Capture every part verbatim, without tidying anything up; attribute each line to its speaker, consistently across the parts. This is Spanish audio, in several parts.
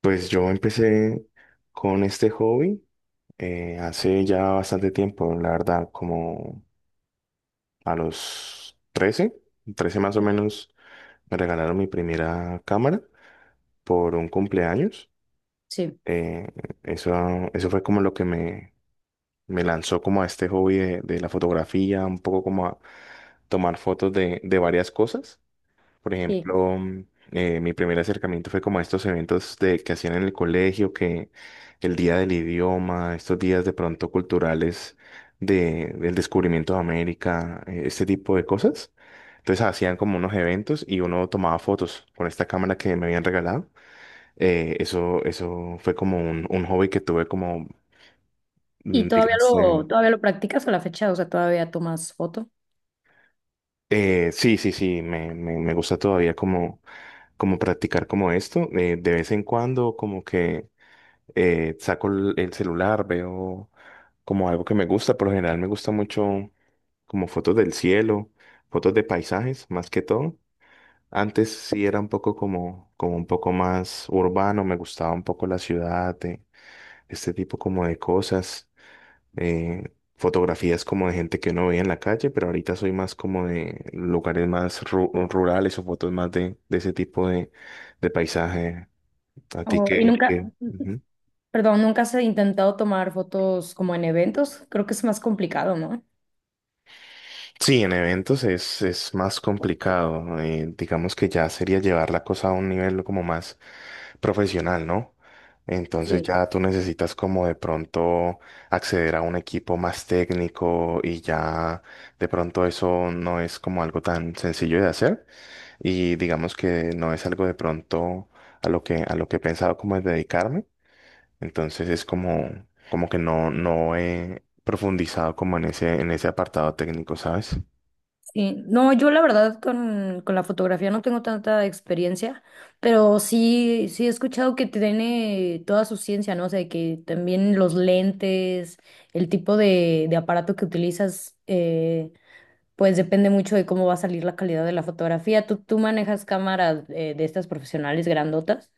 Speaker 1: Pues yo empecé con este hobby eh, hace ya bastante tiempo, la verdad, como a los trece, trece más o menos, me regalaron mi primera cámara por un cumpleaños.
Speaker 2: Sí,
Speaker 1: Eh, eso, eso fue como lo que me, me lanzó como a este hobby de, de la fotografía, un poco como a tomar fotos de, de varias cosas. Por
Speaker 2: sí.
Speaker 1: ejemplo, mm, eh, mi primer acercamiento fue como a estos eventos de, que hacían en el colegio, que el día del idioma, estos días de pronto culturales de, del descubrimiento de América, eh, este tipo de cosas. Entonces hacían como unos eventos y uno tomaba fotos con esta cámara que me habían regalado. Eh, eso, eso fue como un, un hobby que tuve como, mm,
Speaker 2: ¿Y todavía
Speaker 1: dígase,
Speaker 2: lo, todavía lo practicas a la fecha? O sea, todavía tomas foto.
Speaker 1: eh, eh, sí, sí, sí, me, me, me gusta todavía como, como practicar como esto. Eh, de vez en cuando como que eh, saco el el celular, veo como algo que me gusta. Por lo general me gusta mucho como fotos del cielo, fotos de paisajes, más que todo. Antes sí era un poco como, como un poco más urbano, me gustaba un poco la ciudad, eh, este tipo como de cosas, eh, fotografías como de gente que uno veía en la calle, pero ahorita soy más como de lugares más ru- rurales o fotos más de, de ese tipo de, de paisaje. A ti
Speaker 2: O- y
Speaker 1: que,
Speaker 2: nunca,
Speaker 1: que
Speaker 2: perdón, nunca has intentado tomar fotos como en eventos. Creo que es más complicado, ¿no?
Speaker 1: Sí, en eventos es, es más complicado. Eh, digamos que ya sería llevar la cosa a un nivel como más profesional, ¿no? Entonces
Speaker 2: Sí.
Speaker 1: ya tú necesitas como de pronto acceder a un equipo más técnico y ya de pronto eso no es como algo tan sencillo de hacer y digamos que no es algo de pronto a lo que a lo que he pensado como es dedicarme. Entonces es como como que no no he profundizado como en ese en ese apartado técnico, ¿sabes?
Speaker 2: Sí, no, yo la verdad con, con la fotografía no tengo tanta experiencia, pero sí, sí he escuchado que tiene toda su ciencia, ¿no? O sea, que también los lentes, el tipo de, de aparato que utilizas, eh pues depende mucho de cómo va a salir la calidad de la fotografía. ¿Tú, tú manejas cámaras eh, de estas profesionales grandotas?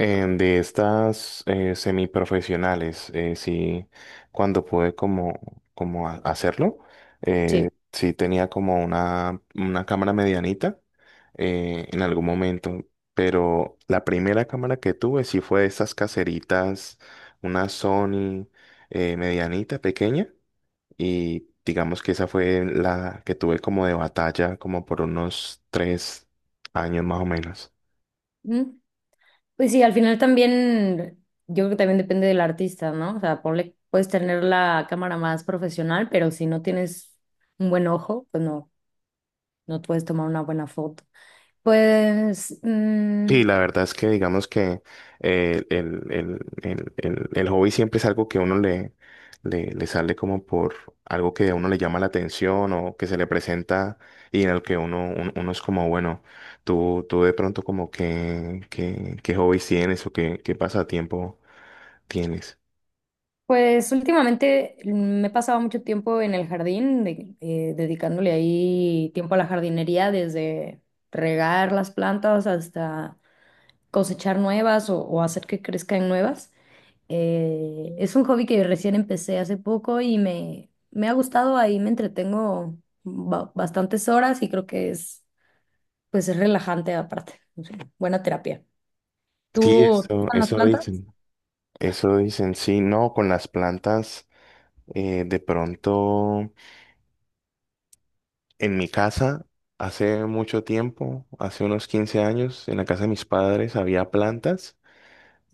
Speaker 1: Eh, de estas eh, semiprofesionales, eh, sí, cuando pude como, como ha- hacerlo, eh,
Speaker 2: Sí.
Speaker 1: sí tenía como una, una cámara medianita eh, en algún momento, pero la primera cámara que tuve sí fue de esas caseritas, una Sony eh, medianita, pequeña, y digamos que esa fue la que tuve como de batalla, como por unos tres años más o menos.
Speaker 2: Mm, pues sí, al final también, yo creo que también depende del artista, ¿no? O sea, ponle, puedes tener la cámara más profesional, pero si no tienes un buen ojo, pues no, no puedes tomar una buena foto. Pues, mm,
Speaker 1: Sí, la verdad es que digamos que eh, el, el, el, el, el hobby siempre es algo que uno le, le, le sale como por algo que a uno le llama la atención o que se le presenta y en el que uno, un- uno es como, bueno, tú, tú de pronto como que, que qué hobbies tienes o qué, qué pasatiempo tienes.
Speaker 2: Pues últimamente, mm, me he pasado mucho tiempo en el jardín, de- eh, dedicándole ahí tiempo a la jardinería, desde regar las plantas hasta cosechar nuevas o, o hacer que crezcan nuevas. Eh, es un hobby que recién empecé hace poco y me, me ha gustado, ahí me entretengo ba- bastantes horas y creo que es, pues es relajante aparte, no sé, buena terapia.
Speaker 1: Sí,
Speaker 2: ¿Tú te
Speaker 1: eso,
Speaker 2: gustan las
Speaker 1: eso
Speaker 2: plantas?
Speaker 1: dicen. Eso dicen, sí, no, con las plantas eh, de pronto. En mi casa, hace mucho tiempo, hace unos quince años, en la casa de mis padres había plantas,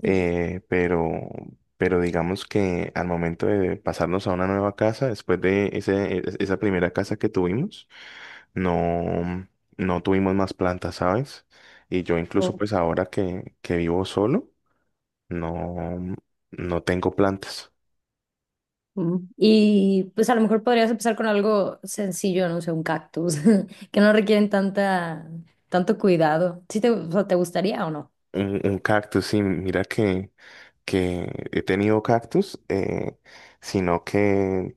Speaker 2: Sí.
Speaker 1: eh, pero, pero digamos que al momento de pasarnos a una nueva casa, después de ese, e- esa primera casa que tuvimos, no, no tuvimos más plantas, ¿sabes? Y yo incluso pues ahora que, que vivo solo, no, no tengo plantas.
Speaker 2: Mm. Y pues a lo mejor podrías empezar con algo sencillo, no sé, un cactus, que no requieren tanta, tanto cuidado. ¿Sí te, o sea, te gustaría o no?
Speaker 1: Un, un cactus, sí, mira que, que he tenido cactus, eh, sino que,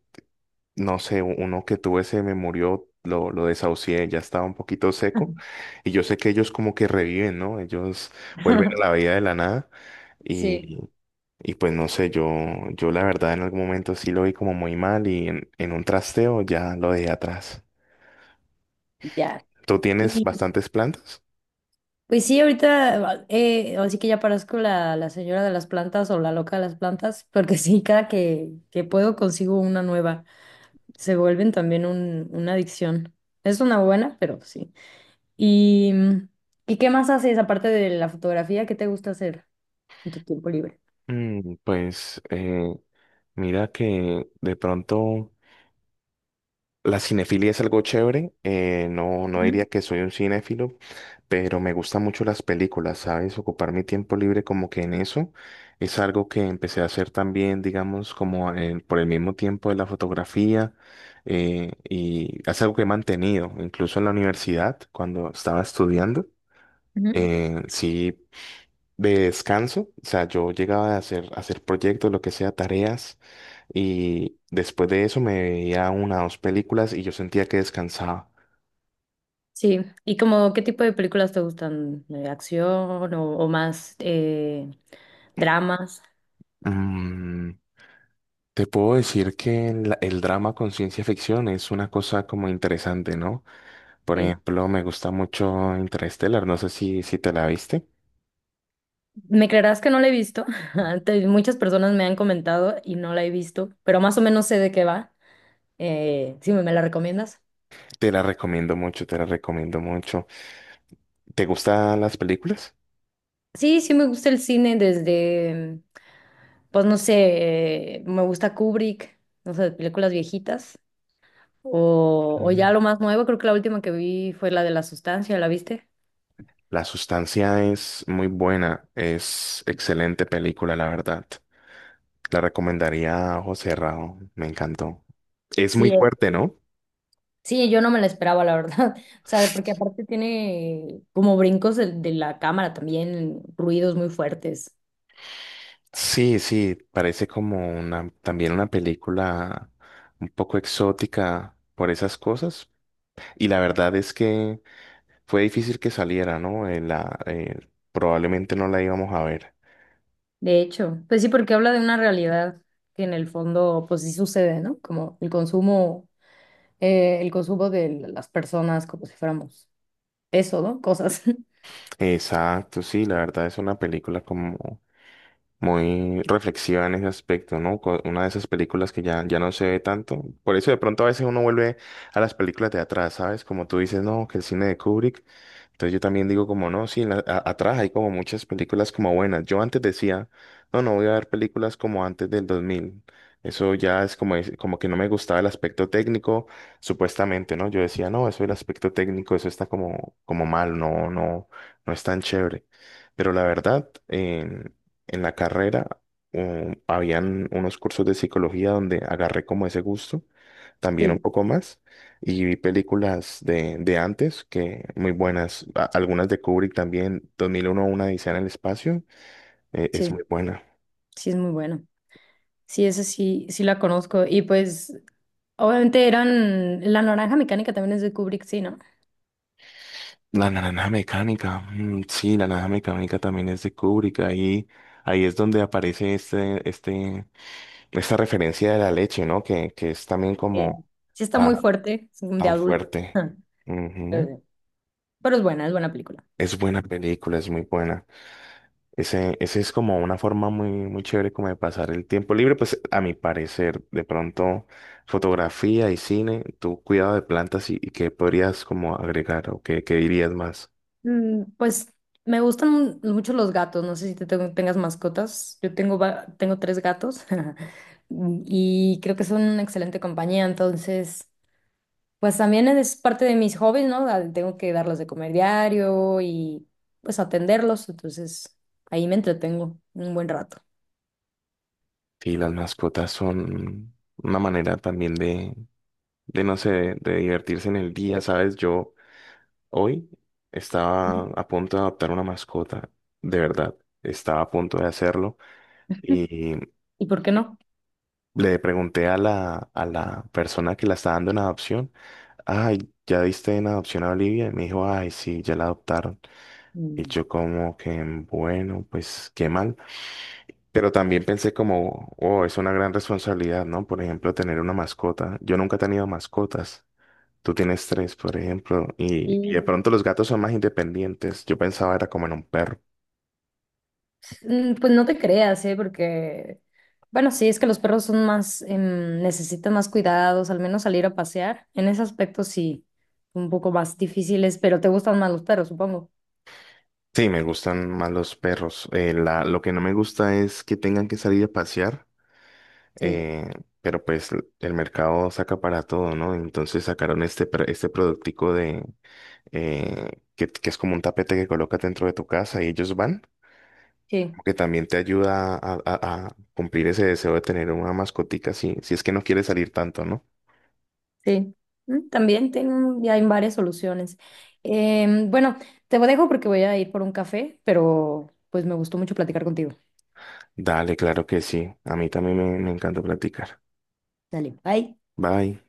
Speaker 1: no sé, uno que tuve se me murió, lo, lo desahucié, ya estaba un poquito seco, y yo sé que ellos como que reviven, ¿no? Ellos vuelven a la vida de la nada,
Speaker 2: Sí,
Speaker 1: y, y pues no sé, yo, yo la verdad en algún momento sí lo vi como muy mal, y en, en un trasteo ya lo dejé atrás.
Speaker 2: ya.
Speaker 1: ¿Tú tienes
Speaker 2: Y
Speaker 1: bastantes plantas?
Speaker 2: pues sí, ahorita, eh, así que ya parezco la, la señora de las plantas o la loca de las plantas, porque sí, cada que, que puedo consigo una nueva. Se vuelven también un, una adicción. Es una buena, pero sí. ¿Y, ¿y qué más haces aparte de la fotografía? ¿Qué te gusta hacer en tu tiempo libre?
Speaker 1: Mm, pues eh, mira que de pronto. La cinefilia es algo chévere, eh, no, no
Speaker 2: Ujú,
Speaker 1: diría que soy un cinéfilo, pero me gustan mucho las películas, ¿sabes? Ocupar mi tiempo libre como que en eso es algo que empecé a hacer también, digamos, como en- por el mismo tiempo de la fotografía, eh, y es algo que he mantenido, incluso en la universidad, cuando estaba estudiando,
Speaker 2: ujú.
Speaker 1: eh, sí, de descanso, o sea, yo llegaba a hacer, a hacer, proyectos, lo que sea, tareas. Y después de eso me veía una o dos películas y yo sentía que descansaba.
Speaker 2: Sí, ¿y como qué tipo de películas te gustan? ¿De acción o, o más eh, dramas?
Speaker 1: Mm, Te puedo decir que la- el drama con ciencia ficción es una cosa como interesante, ¿no? Por
Speaker 2: Sí.
Speaker 1: ejemplo, me gusta mucho Interstellar, no sé si, si te la viste.
Speaker 2: Me creerás que no la he visto. Te- Muchas personas me han comentado y no la he visto, pero más o menos sé de qué va. Eh, sí, ¿me me la recomiendas?
Speaker 1: Te la recomiendo mucho, te la recomiendo mucho. ¿Te gustan las películas?
Speaker 2: Sí, sí me gusta el cine desde, pues no sé, eh, me gusta Kubrick, no sé, películas viejitas o, o ya
Speaker 1: Mm.
Speaker 2: lo más nuevo, creo que la última que vi fue la de La Sustancia, ¿la viste?
Speaker 1: La Sustancia es muy buena, es excelente película, la verdad. La recomendaría a ojo cerrado, me encantó. Es muy
Speaker 2: Sí,
Speaker 1: fuerte, ¿no?
Speaker 2: Sí, yo no me la esperaba, la verdad. O sea, porque aparte tiene como brincos de, de la cámara también, ruidos muy fuertes.
Speaker 1: Sí, sí, parece como una, también una película un poco exótica por esas cosas. Y la verdad es que fue difícil que saliera, ¿no? Eh, la, eh, probablemente no la íbamos a ver.
Speaker 2: De hecho, pues sí, porque habla de una realidad que en el fondo, pues sí sucede, ¿no? Como el consumo, eh, el consumo de las personas como si fuéramos eso, ¿no? Cosas.
Speaker 1: Exacto, sí, la verdad es una película como muy reflexiva en ese aspecto, ¿no? Co- Una de esas películas que ya, ya no se ve tanto. Por eso de pronto a veces uno vuelve a las películas de atrás, ¿sabes? Como tú dices, no, que el cine de Kubrick. Entonces yo también digo como, no, sí, la- a- atrás hay como muchas películas como buenas. Yo antes decía, no, no voy a ver películas como antes del dos mil. Eso ya es como, es- como que no me gustaba el aspecto técnico, supuestamente, ¿no? Yo decía, no, eso el aspecto técnico, eso está como, como mal, no, no, no es tan chévere. Pero la verdad, em, en la carrera um, habían unos cursos de psicología donde agarré como ese gusto, también un
Speaker 2: Sí,
Speaker 1: poco más, y vi películas de, de antes que muy buenas, a- algunas de Kubrick también, dos mil uno una odisea en el espacio, eh, es
Speaker 2: sí,
Speaker 1: muy buena.
Speaker 2: sí es muy bueno. Sí, ese sí, sí la conozco. Y pues, obviamente eran, La Naranja Mecánica también es de Kubrick, sí, ¿no?
Speaker 1: La Naranja Mecánica, mm, sí, la Naranja Mecánica también es de Kubrick, ahí, ahí es donde aparece este, este, esta referencia de la leche, ¿no? Que, que es también
Speaker 2: Eh,
Speaker 1: como
Speaker 2: sí está
Speaker 1: ta-
Speaker 2: muy fuerte, es de
Speaker 1: tan,
Speaker 2: adulto.
Speaker 1: fuerte. Ujú.
Speaker 2: Pero es buena, es buena película.
Speaker 1: Es buena película, es muy buena. Ese, ese es como una forma muy, muy chévere como de pasar el tiempo libre, pues a mi parecer, de pronto fotografía y cine, tu cuidado de plantas y, y qué podrías como agregar o qué, qué dirías más.
Speaker 2: Mm, pues me gustan mu- mucho los gatos. No sé si te tengo- tengas mascotas. Yo tengo, va- tengo tres gatos y creo que son una excelente compañía. Entonces, pues también es parte de mis hobbies, ¿no? Da- Tengo que darles de comer diario y pues atenderlos. Entonces, ahí me entretengo un buen rato.
Speaker 1: Sí, las mascotas son una manera también de, de no sé, de, de divertirse en el día, ¿sabes? Yo hoy estaba a punto de adoptar una mascota, de verdad, estaba a punto de hacerlo. Y
Speaker 2: ¿Y por qué no?
Speaker 1: le pregunté a la, a la, persona que la está dando en adopción, ay, ¿ya diste en adopción a Olivia? Y me dijo, ay, sí, ya la adoptaron. Y
Speaker 2: Mm.
Speaker 1: yo como que, bueno, pues qué mal. Pero también pensé como, oh, es una gran responsabilidad, ¿no? Por ejemplo, tener una mascota. Yo nunca he tenido mascotas. Tú tienes tres, por ejemplo, y, y de pronto los gatos son más independientes. Yo pensaba era como en un perro.
Speaker 2: Mm, pues no te creas, ¿eh? Porque, bueno, sí, es que los perros son más, em, necesitan más cuidados, al menos salir a pasear. En ese aspecto sí, un poco más difíciles, pero te gustan más los perros, supongo.
Speaker 1: Sí, me gustan más los perros. Eh, la, lo que no me gusta es que tengan que salir a pasear.
Speaker 2: Sí,
Speaker 1: eh, pero pues l- el mercado saca para todo, ¿no? Entonces sacaron este, pr- este productico de, eh, que, que es como un tapete que colocas dentro de tu casa y ellos van,
Speaker 2: sí,
Speaker 1: como que también te ayuda a, a- a cumplir ese deseo de tener una mascotica, si, si es que no quieres salir tanto, ¿no?
Speaker 2: sí. Mm, también tengo, ya hay varias soluciones. Em, bueno, te dejo porque voy a ir por un café, pero pues me gustó mucho platicar contigo.
Speaker 1: Dale, claro que sí. A mí también me, me encanta platicar.
Speaker 2: Dale, bye.
Speaker 1: Bye.